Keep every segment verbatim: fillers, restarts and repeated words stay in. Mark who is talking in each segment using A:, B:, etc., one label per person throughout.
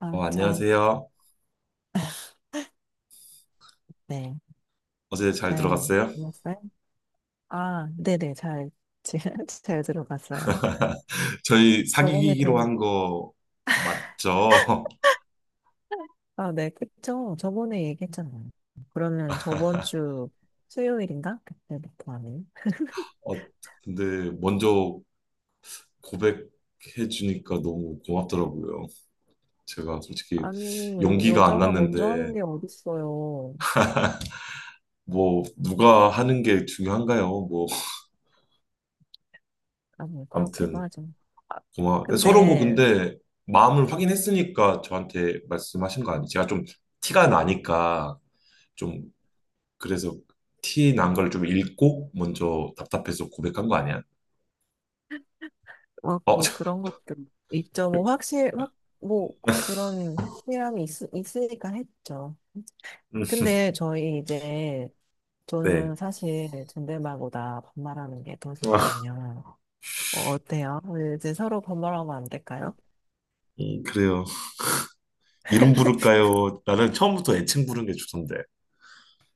A: 아,
B: 어,
A: 잘,
B: 안녕하세요.
A: 네,
B: 어제 잘
A: 잘
B: 들어갔어요?
A: 들었어요? 아, 네네, 잘, 지- 잘 들어봤어요.
B: 저희
A: 저번에 대,
B: 사귀기로 한 거 맞죠?
A: 아, 네, 그쵸. 저번에 얘기했잖아요. 그러면 저번 주 수요일인가? 그때부터 하는.
B: 어, 근데 먼저 고백해 주니까 너무 고맙더라고요. 제가 솔직히
A: 아니,
B: 용기가 안
A: 여자가 먼저 하는
B: 났는데
A: 게 어딨어요.
B: 뭐 누가 하는 게 중요한가요? 뭐
A: 아니, 그렇게도
B: 아무튼
A: 하죠. 아,
B: 고마 서로 뭐
A: 근데,
B: 근데 마음을 확인했으니까 저한테 말씀하신 거 아니에요? 제가 좀 티가 나니까 좀 그래서 티난 걸 좀 읽고 먼저 답답해서 고백한 거 아니야?
A: 뭐,
B: 어,
A: 뭐
B: 저-
A: 그런 것도 있죠. 뭐, 확실, 확, 뭐, 그런 확실함이 있, 있으니까 했죠.
B: 음,
A: 근데 저희 이제 저는
B: 네.
A: 사실 존댓말보다 반말하는 게 더
B: 아,
A: 좋거든요. 어, 어때요? 이제 서로 반말하면 안 될까요?
B: 음, 그래요. 이름 부를까요? 나는 처음부터 애칭 부른 게 좋던데.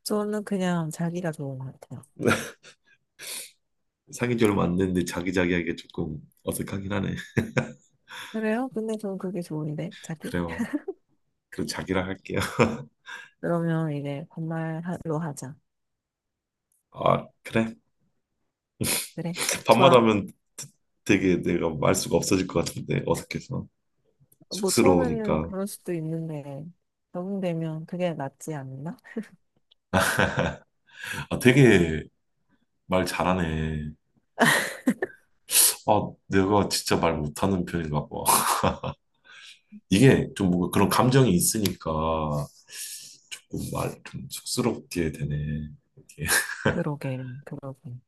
A: 저는 그냥 자기가 좋은 것 같아요.
B: 사귄 지 얼마 안 됐는데 자기자기하게 조금 어색하긴 하네.
A: 그래요? 근데 저는 그게 좋은데, 자기?
B: 그래요. 그럼 자기라 할게요.
A: 그러면 이제 반말로 하자.
B: 아, 그래.
A: 그래? 좋아.
B: 밤마다 하면 되게 내가 말 수가 없어질 것 같은데 어색해서
A: 뭐 처음에는
B: 쑥스러우니까
A: 그럴 수도 있는데, 적응되면 그게 낫지 않나?
B: 아 되게 말 잘하네. 아 내가 진짜 말 못하는 편인가 봐. 이게 좀 뭔가 그런 감정이 있으니까 조금 말 좀 쑥스럽게 되네. 이렇게.
A: 그러게, 그러게.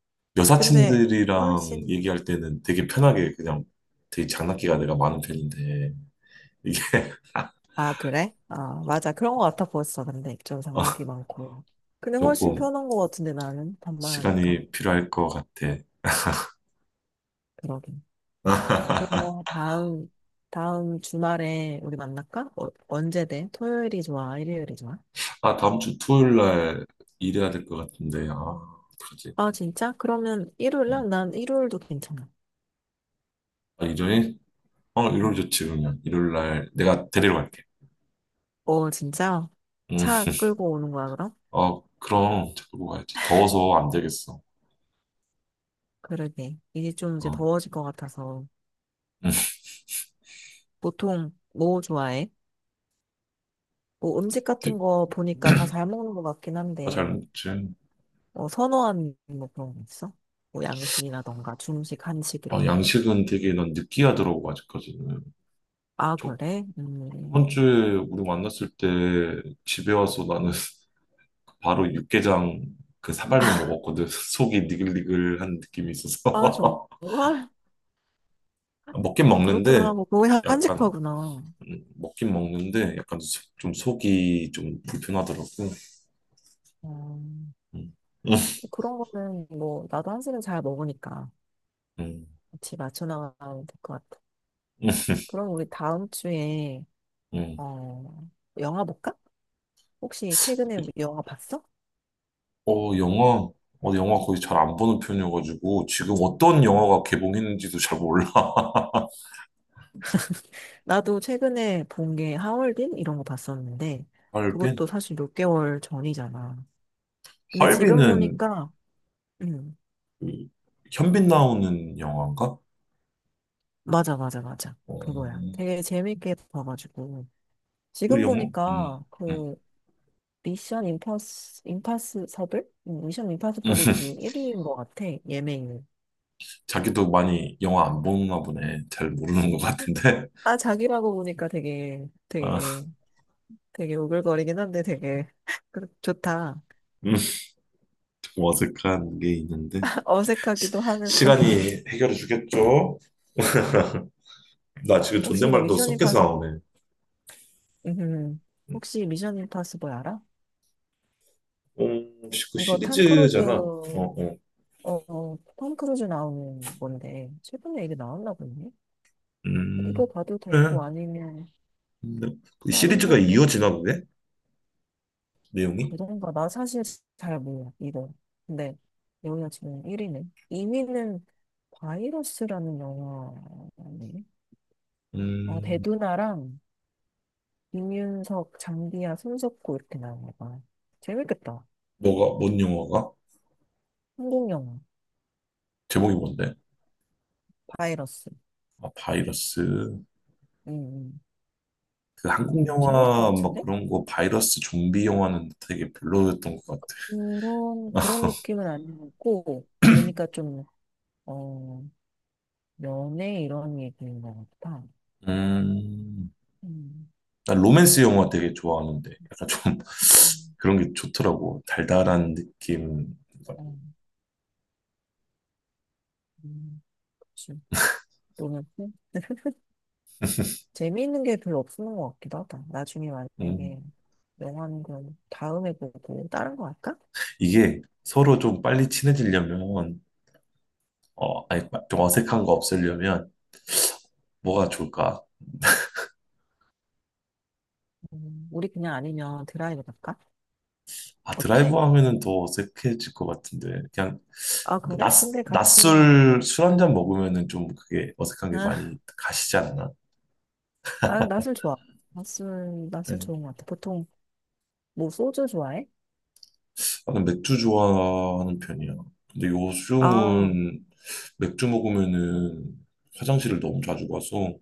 A: 근데
B: 여사친들이랑
A: 훨씬
B: 얘기할 때는 되게 편하게 그냥 되게 장난기가 내가 많은 편인데 이게
A: 아, 그래? 아, 맞아. 그런 거 같아 보였어. 근데 좀 장난기
B: 아,
A: 많고. 근데 훨씬
B: 조금
A: 편한 거 같은데 나는 반말하니까.
B: 시간이 필요할 것 같아.
A: 그러긴. 그럼 뭐 다음 다음 주말에 우리 만날까? 어, 언제 돼? 토요일이 좋아? 일요일이 좋아?
B: 아, 다음 주 토요일 날 일해야 될 것 같은데. 아, 그러지.
A: 아, 진짜? 그러면 일요일 날?
B: 음.
A: 난 일요일도 괜찮아.
B: 아, 일요일? 어, 일요일
A: 음.
B: 좋지, 그러면. 일요일 날 내가 데리러 갈게.
A: 어, 진짜?
B: 음.
A: 차 끌고 오는 거야, 그럼?
B: 어, 그럼 자꾸 가야지. 더워서 안 되겠어.
A: 그러게. 이제 좀 이제
B: 어.
A: 더워질 것 같아서.
B: 응.
A: 보통 뭐 좋아해? 뭐 음식 같은 거 보니까 다 잘 먹는 것 같긴
B: 아, 잘
A: 한데.
B: 먹지.
A: 뭐 선호하는 뭐 그런 거 있어? 뭐 양식이라던가 중식, 한식
B: 아,
A: 이런 거?
B: 양식은 되게 난 느끼하더라고, 아직까지는.
A: 아,
B: 저,
A: 그래? 음.
B: 저번 주에 우리 만났을 때 집에 와서 나는 바로 육개장 그 사발면 먹었거든. 속이 니글니글한 느낌이
A: 아, 정말?
B: 있어서. 먹긴
A: 아, 그렇구나.
B: 먹는데,
A: 뭐 거의
B: 약간,
A: 한식파구나.
B: 음, 먹긴 먹는데, 약간 속- 좀 속이 좀 불편하더라고.
A: 음.
B: 음,
A: 그런 거는 뭐 나도 한식은 잘 먹으니까
B: 음,
A: 같이 맞춰 나가면 될 것 같아.
B: 음,
A: 그럼 우리 다음 주에
B: 음.
A: 어 영화 볼까? 혹시 최근에 영화 봤어?
B: 어, 영화, 어, 영화 거의 잘 안 보는 편이어가지고, 지금 어떤 영화가 개봉했는지도 잘 몰라.
A: 나도 최근에 본 게 하얼빈 이런 거 봤었는데 그것도
B: 잘
A: 사실 몇 개월 전이잖아. 근데 지금
B: 할비는
A: 보니까 음,
B: 그 현빈 나오는 영화인가?
A: 맞아, 맞아, 맞아. 그거야.
B: 어,
A: 되게 재밌게 봐가지고.
B: 그
A: 지금
B: 영화? 음, 음.
A: 보니까
B: 음.
A: 그 미션 임파스, 임파서블? 응, 미션 임파서블이 그 일 위인 것 같아. 예매율.
B: 자기도 많이 영화 안 보나 보네. 잘 모르는 것 같은데.
A: 아, 자기라고 보니까 되게,
B: 아,
A: 되게, 되게 오글거리긴 한데 되게 그- 좋다.
B: 음, 좀 어색한 게 있는데. 시,
A: 어색하기도 하면서.
B: 시간이 해결해 주겠죠? 나 지금
A: 혹시 이거
B: 존댓말도
A: 미션
B: 섞여서
A: 임파서블,
B: 나오네.
A: 음, 혹시 미션 임파서블 알아?
B: 음, 그
A: 이거 탐 크루즈,
B: 시리즈잖아. 어,
A: 어,
B: 어.
A: 어, 톰 크루즈 나오는 건데, 최근에 이게 나왔나 보네. 이거
B: 음,
A: 봐도
B: 그래.
A: 되고 아니면
B: 근데 그
A: 다른
B: 시리즈가
A: 것도
B: 이어지나
A: 봐봐.
B: 보네? 내용이?
A: 그런가? 나 사실 잘 몰라, 이거. 근데 여기가 지금 일 위네. 이 위는 바이러스라는 영화네. 아,
B: 음,
A: 배두나랑 이윤석, 장비야, 손석구 이렇게 나온 거 재밌겠다.
B: 뭐가, 뭔 영화가?
A: 한국 영화,
B: 제목이 뭔데?
A: 바이러스.
B: 아, 바이러스.
A: 음,
B: 그 한국
A: 음, 음, 재밌을 것
B: 영화 막
A: 같은데?
B: 그런 거 바이러스 좀비 영화는 되게 별로였던 것 같아.
A: 그런, 그런 느낌은 아니었고, 보니까 좀, 어, 연애 이런 얘기인 것 같아.
B: 음,
A: 음.
B: 난 로맨스 영화 되게 좋아하는데 약간 좀
A: 음,
B: 그런 게 좋더라고. 달달한 느낌.
A: 음, 음, 그치. 너무 큰- 재미있는 게 별로 없는 것 같기도 하다. 나중에
B: 음,
A: 만약에 영화는 그럼 다음에 보고 다른 거 할까?
B: 이게 서로 좀 빨리 친해지려면 어, 아니 좀 어색한 거 없애려면 뭐가 좋을까?
A: 음, 우리 그냥 아니면 드라이브 갈까?
B: 아, 드라이브
A: 어때?
B: 하면은 더 어색해질 것 같은데 그냥
A: 아,
B: 뭐
A: 그래?
B: 낮,
A: 근데 같이,
B: 낮술 술 한잔 먹으면은 좀 그게 어색한 게
A: 아,
B: 많이 가시지 않나?
A: 아, 낮 좋아. 낯을, 낯을
B: 그래.
A: 좋은 것 같아. 보통 뭐 소주 좋아해?
B: 나는 맥주 좋아하는 편이야. 근데
A: 아,
B: 요즘은 맥주 먹으면은 화장실을 너무 자주 가서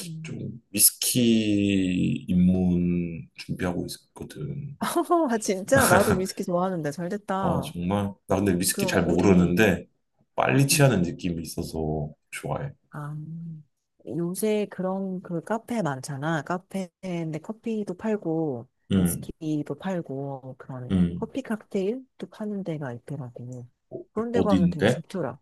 A: 음.
B: 좀 위스키 입문 준비하고 있거든.
A: 아, 진짜? 나도 위스키 좋아하는데 잘
B: 아,
A: 됐다.
B: 정말? 나 근데 위스키
A: 그럼
B: 잘
A: 우리,
B: 모르는데 빨리
A: 음.
B: 취하는 느낌이 있어서 좋아해.
A: 아, 요새 그런 그 카페 많잖아. 카페인데 커피도 팔고,
B: 응,
A: 위스키도 팔고, 그런
B: 응.
A: 커피 칵테일도 파는 데가 있더라고.
B: 어,
A: 그런 데 가면 되게
B: 어디인데?
A: 좋더라.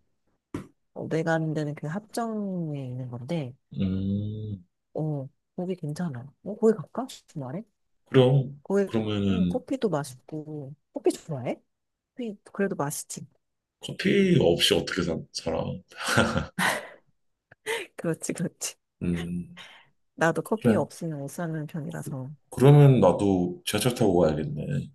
A: 어, 내가 아는 데는 그 합정에 있는 건데,
B: 음,
A: 어, 거기 괜찮아. 어, 거기 갈까? 주말에?
B: 그럼,
A: 거기, 응,
B: 그러면은
A: 커피도 맛있고. 커피 좋아해? 커피, 그래도 맛있지.
B: 커피 없이 어떻게 사, 살아?
A: 그렇지, 그렇지.
B: 음,
A: 나도 커피
B: 그래.
A: 없으면 못 사는 편이라서.
B: 그러면 나도 지하철 타고 가야겠네.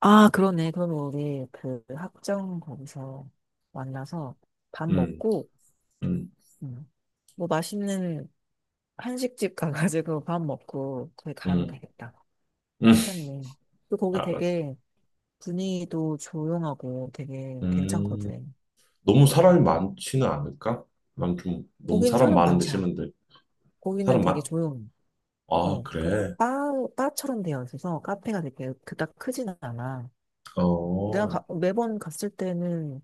A: 아, 그러네. 그러면 우리 그 학점 거기서 만나서 밥
B: 음,
A: 먹고,
B: 음,
A: 음, 뭐 맛있는 한식집 가가지고 밥 먹고 거기 가면
B: 음,
A: 되겠다.
B: 음,
A: 괜찮네. 또 거기
B: 알았어.
A: 되게 분위기도 조용하고 되게
B: 음,
A: 괜찮거든.
B: 너무 사람이 많지는 않을까? 난 좀 너무
A: 거기는
B: 사람
A: 사람
B: 많은데
A: 많지 않아.
B: 싫은데.
A: 거기는
B: 사람
A: 되게
B: 많?
A: 조용해.
B: 아,
A: 어, 그
B: 그래.
A: 바, 바처럼 되어 있어서 카페가 되게 그닥 크진 않아.
B: 어,
A: 내가
B: 어,
A: 가- 매번 갔을 때는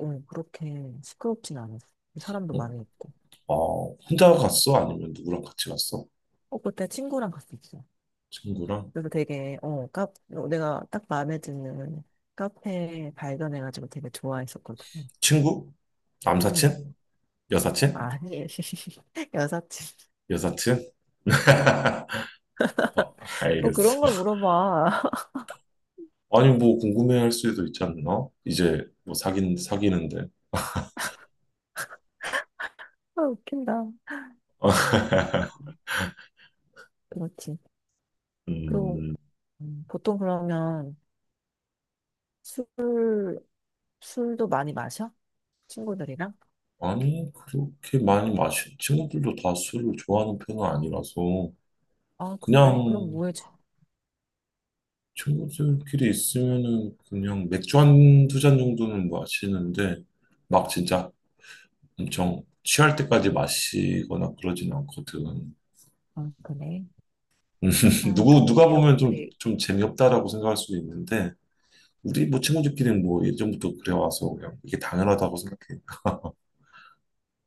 A: 어, 그렇게 시끄럽진 않았어. 사람도 많이 있고.
B: 어, 혼자 갔어? 아니면 누구랑 같이 갔어?
A: 어, 그때 친구랑 갔었어.
B: 친구랑?
A: 그래서 되게, 어, 카, 어, 내가 딱 마음에 드는 카페 발견해가지고 되게 좋아했었거든.
B: 친구?
A: 응.
B: 남사친? 여사친?
A: 아니, 여사친.
B: 여사친?
A: 응.
B: 어,
A: 뭐
B: 알겠어.
A: 그런 걸 물어봐.
B: 아니, 뭐, 궁금해 할 수도 있지 않나? 이제, 뭐, 사귄, 사귀는데.
A: 아, 웃긴다. 어, 그렇지. 그리고,
B: 음,
A: 음, 보통 그러면 술, 술도 많이 마셔? 친구들이랑?
B: 아니, 그렇게 많이 마시, 친구들도 다 술을 좋아하는 편은 아니라서,
A: 아, 그래? 그럼
B: 그냥
A: 뭐 해줘?
B: 친구들끼리 있으면은 그냥 맥주 한 두 잔 정도는 마시는데, 막 진짜 엄청 취할 때까지 마시거나 그러진 않거든.
A: 아, 그래. 아,
B: 누구,
A: 근데
B: 누가 보면 좀,
A: 이렇게,
B: 좀 재미없다라고 생각할 수도 있는데, 우리 뭐 친구들끼리는 뭐 예전부터 그래와서 그냥 이게 당연하다고 생각해.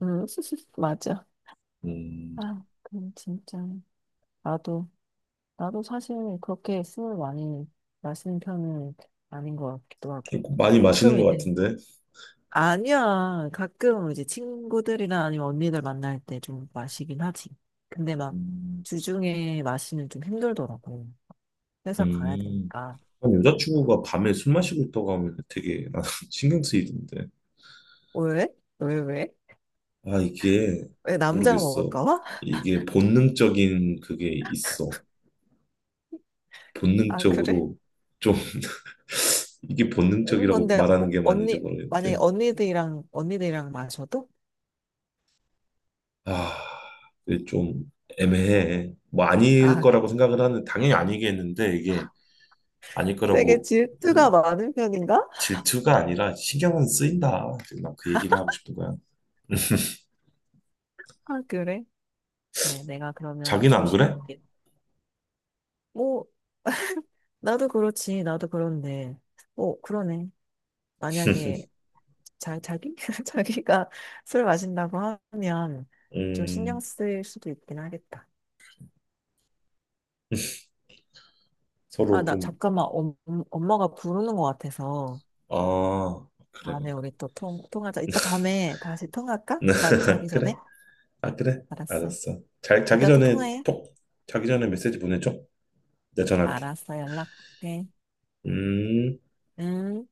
A: 음, 맞아.
B: 음,
A: 아, 그럼 진짜. 나도 나도 사실 그렇게 술을 많이 마시는 편은 아닌 것 같기도 하고.
B: 많이
A: 가끔
B: 마시는 것
A: 이제,
B: 같은데.
A: 아니야. 가끔 이제 친구들이나 아니면 언니들 만날 때 좀 마시긴 하지. 근데 막
B: 음,
A: 주중에 마시면 좀 힘들더라고. 회사 가야
B: 음.
A: 되니까.
B: 난
A: 그래서
B: 여자친구가 밤에 술 마시고 있다고 하면 되게 나는 신경 쓰이던데.
A: 어, 왜? 왜, 왜?
B: 아, 이게
A: 왜 남자가
B: 모르겠어.
A: 먹을까 봐?
B: 이게 본능적인 그게 있어.
A: 아, 그래?
B: 본능적으로 좀 이게
A: 그런
B: 본능적이라고
A: 건데, 어,
B: 말하는 게 맞는지
A: 언니, 만약에
B: 모르겠는데.
A: 언니들이랑, 언니들이랑 마셔도?
B: 아, 이게 좀 애매해. 뭐 아닐
A: 아,
B: 거라고 생각을 하는 당연히 아니겠는데 이게 아닐
A: 되게
B: 거라고
A: 질투가
B: 생각-
A: 많은 편인가?
B: 질투가 아니라 신경은 쓰인다. 지금 난그 얘기를 하고 싶은 거야.
A: 아, 그래? 그래, 내가 그러면
B: 자기는 안 그래?
A: 조심할게. 뭐, 나도 그렇지, 나도 그런데. 어, 그러네. 만약에 자, 자기? 자기가 술 마신다고 하면 좀 신경
B: 음,
A: 쓸 수도 있긴 하겠다. 아,
B: 서로
A: 나
B: 좀
A: 잠깐만, 엄, 엄마가 부르는 것 같아서.
B: 아, 그래,
A: 다음에
B: 그래.
A: 우리 또 통, 통하자. 이따 밤에 다시 통화할까? 나 자기 전에?
B: 그래. 아, 그래.
A: 알았어.
B: 알았어. 자, 자기
A: 이따 또
B: 전에
A: 통화해.
B: 톡, 자기 전에 메시지 보내줘. 내가 전화할게.
A: 알았어, 연락해.
B: 음.
A: 응.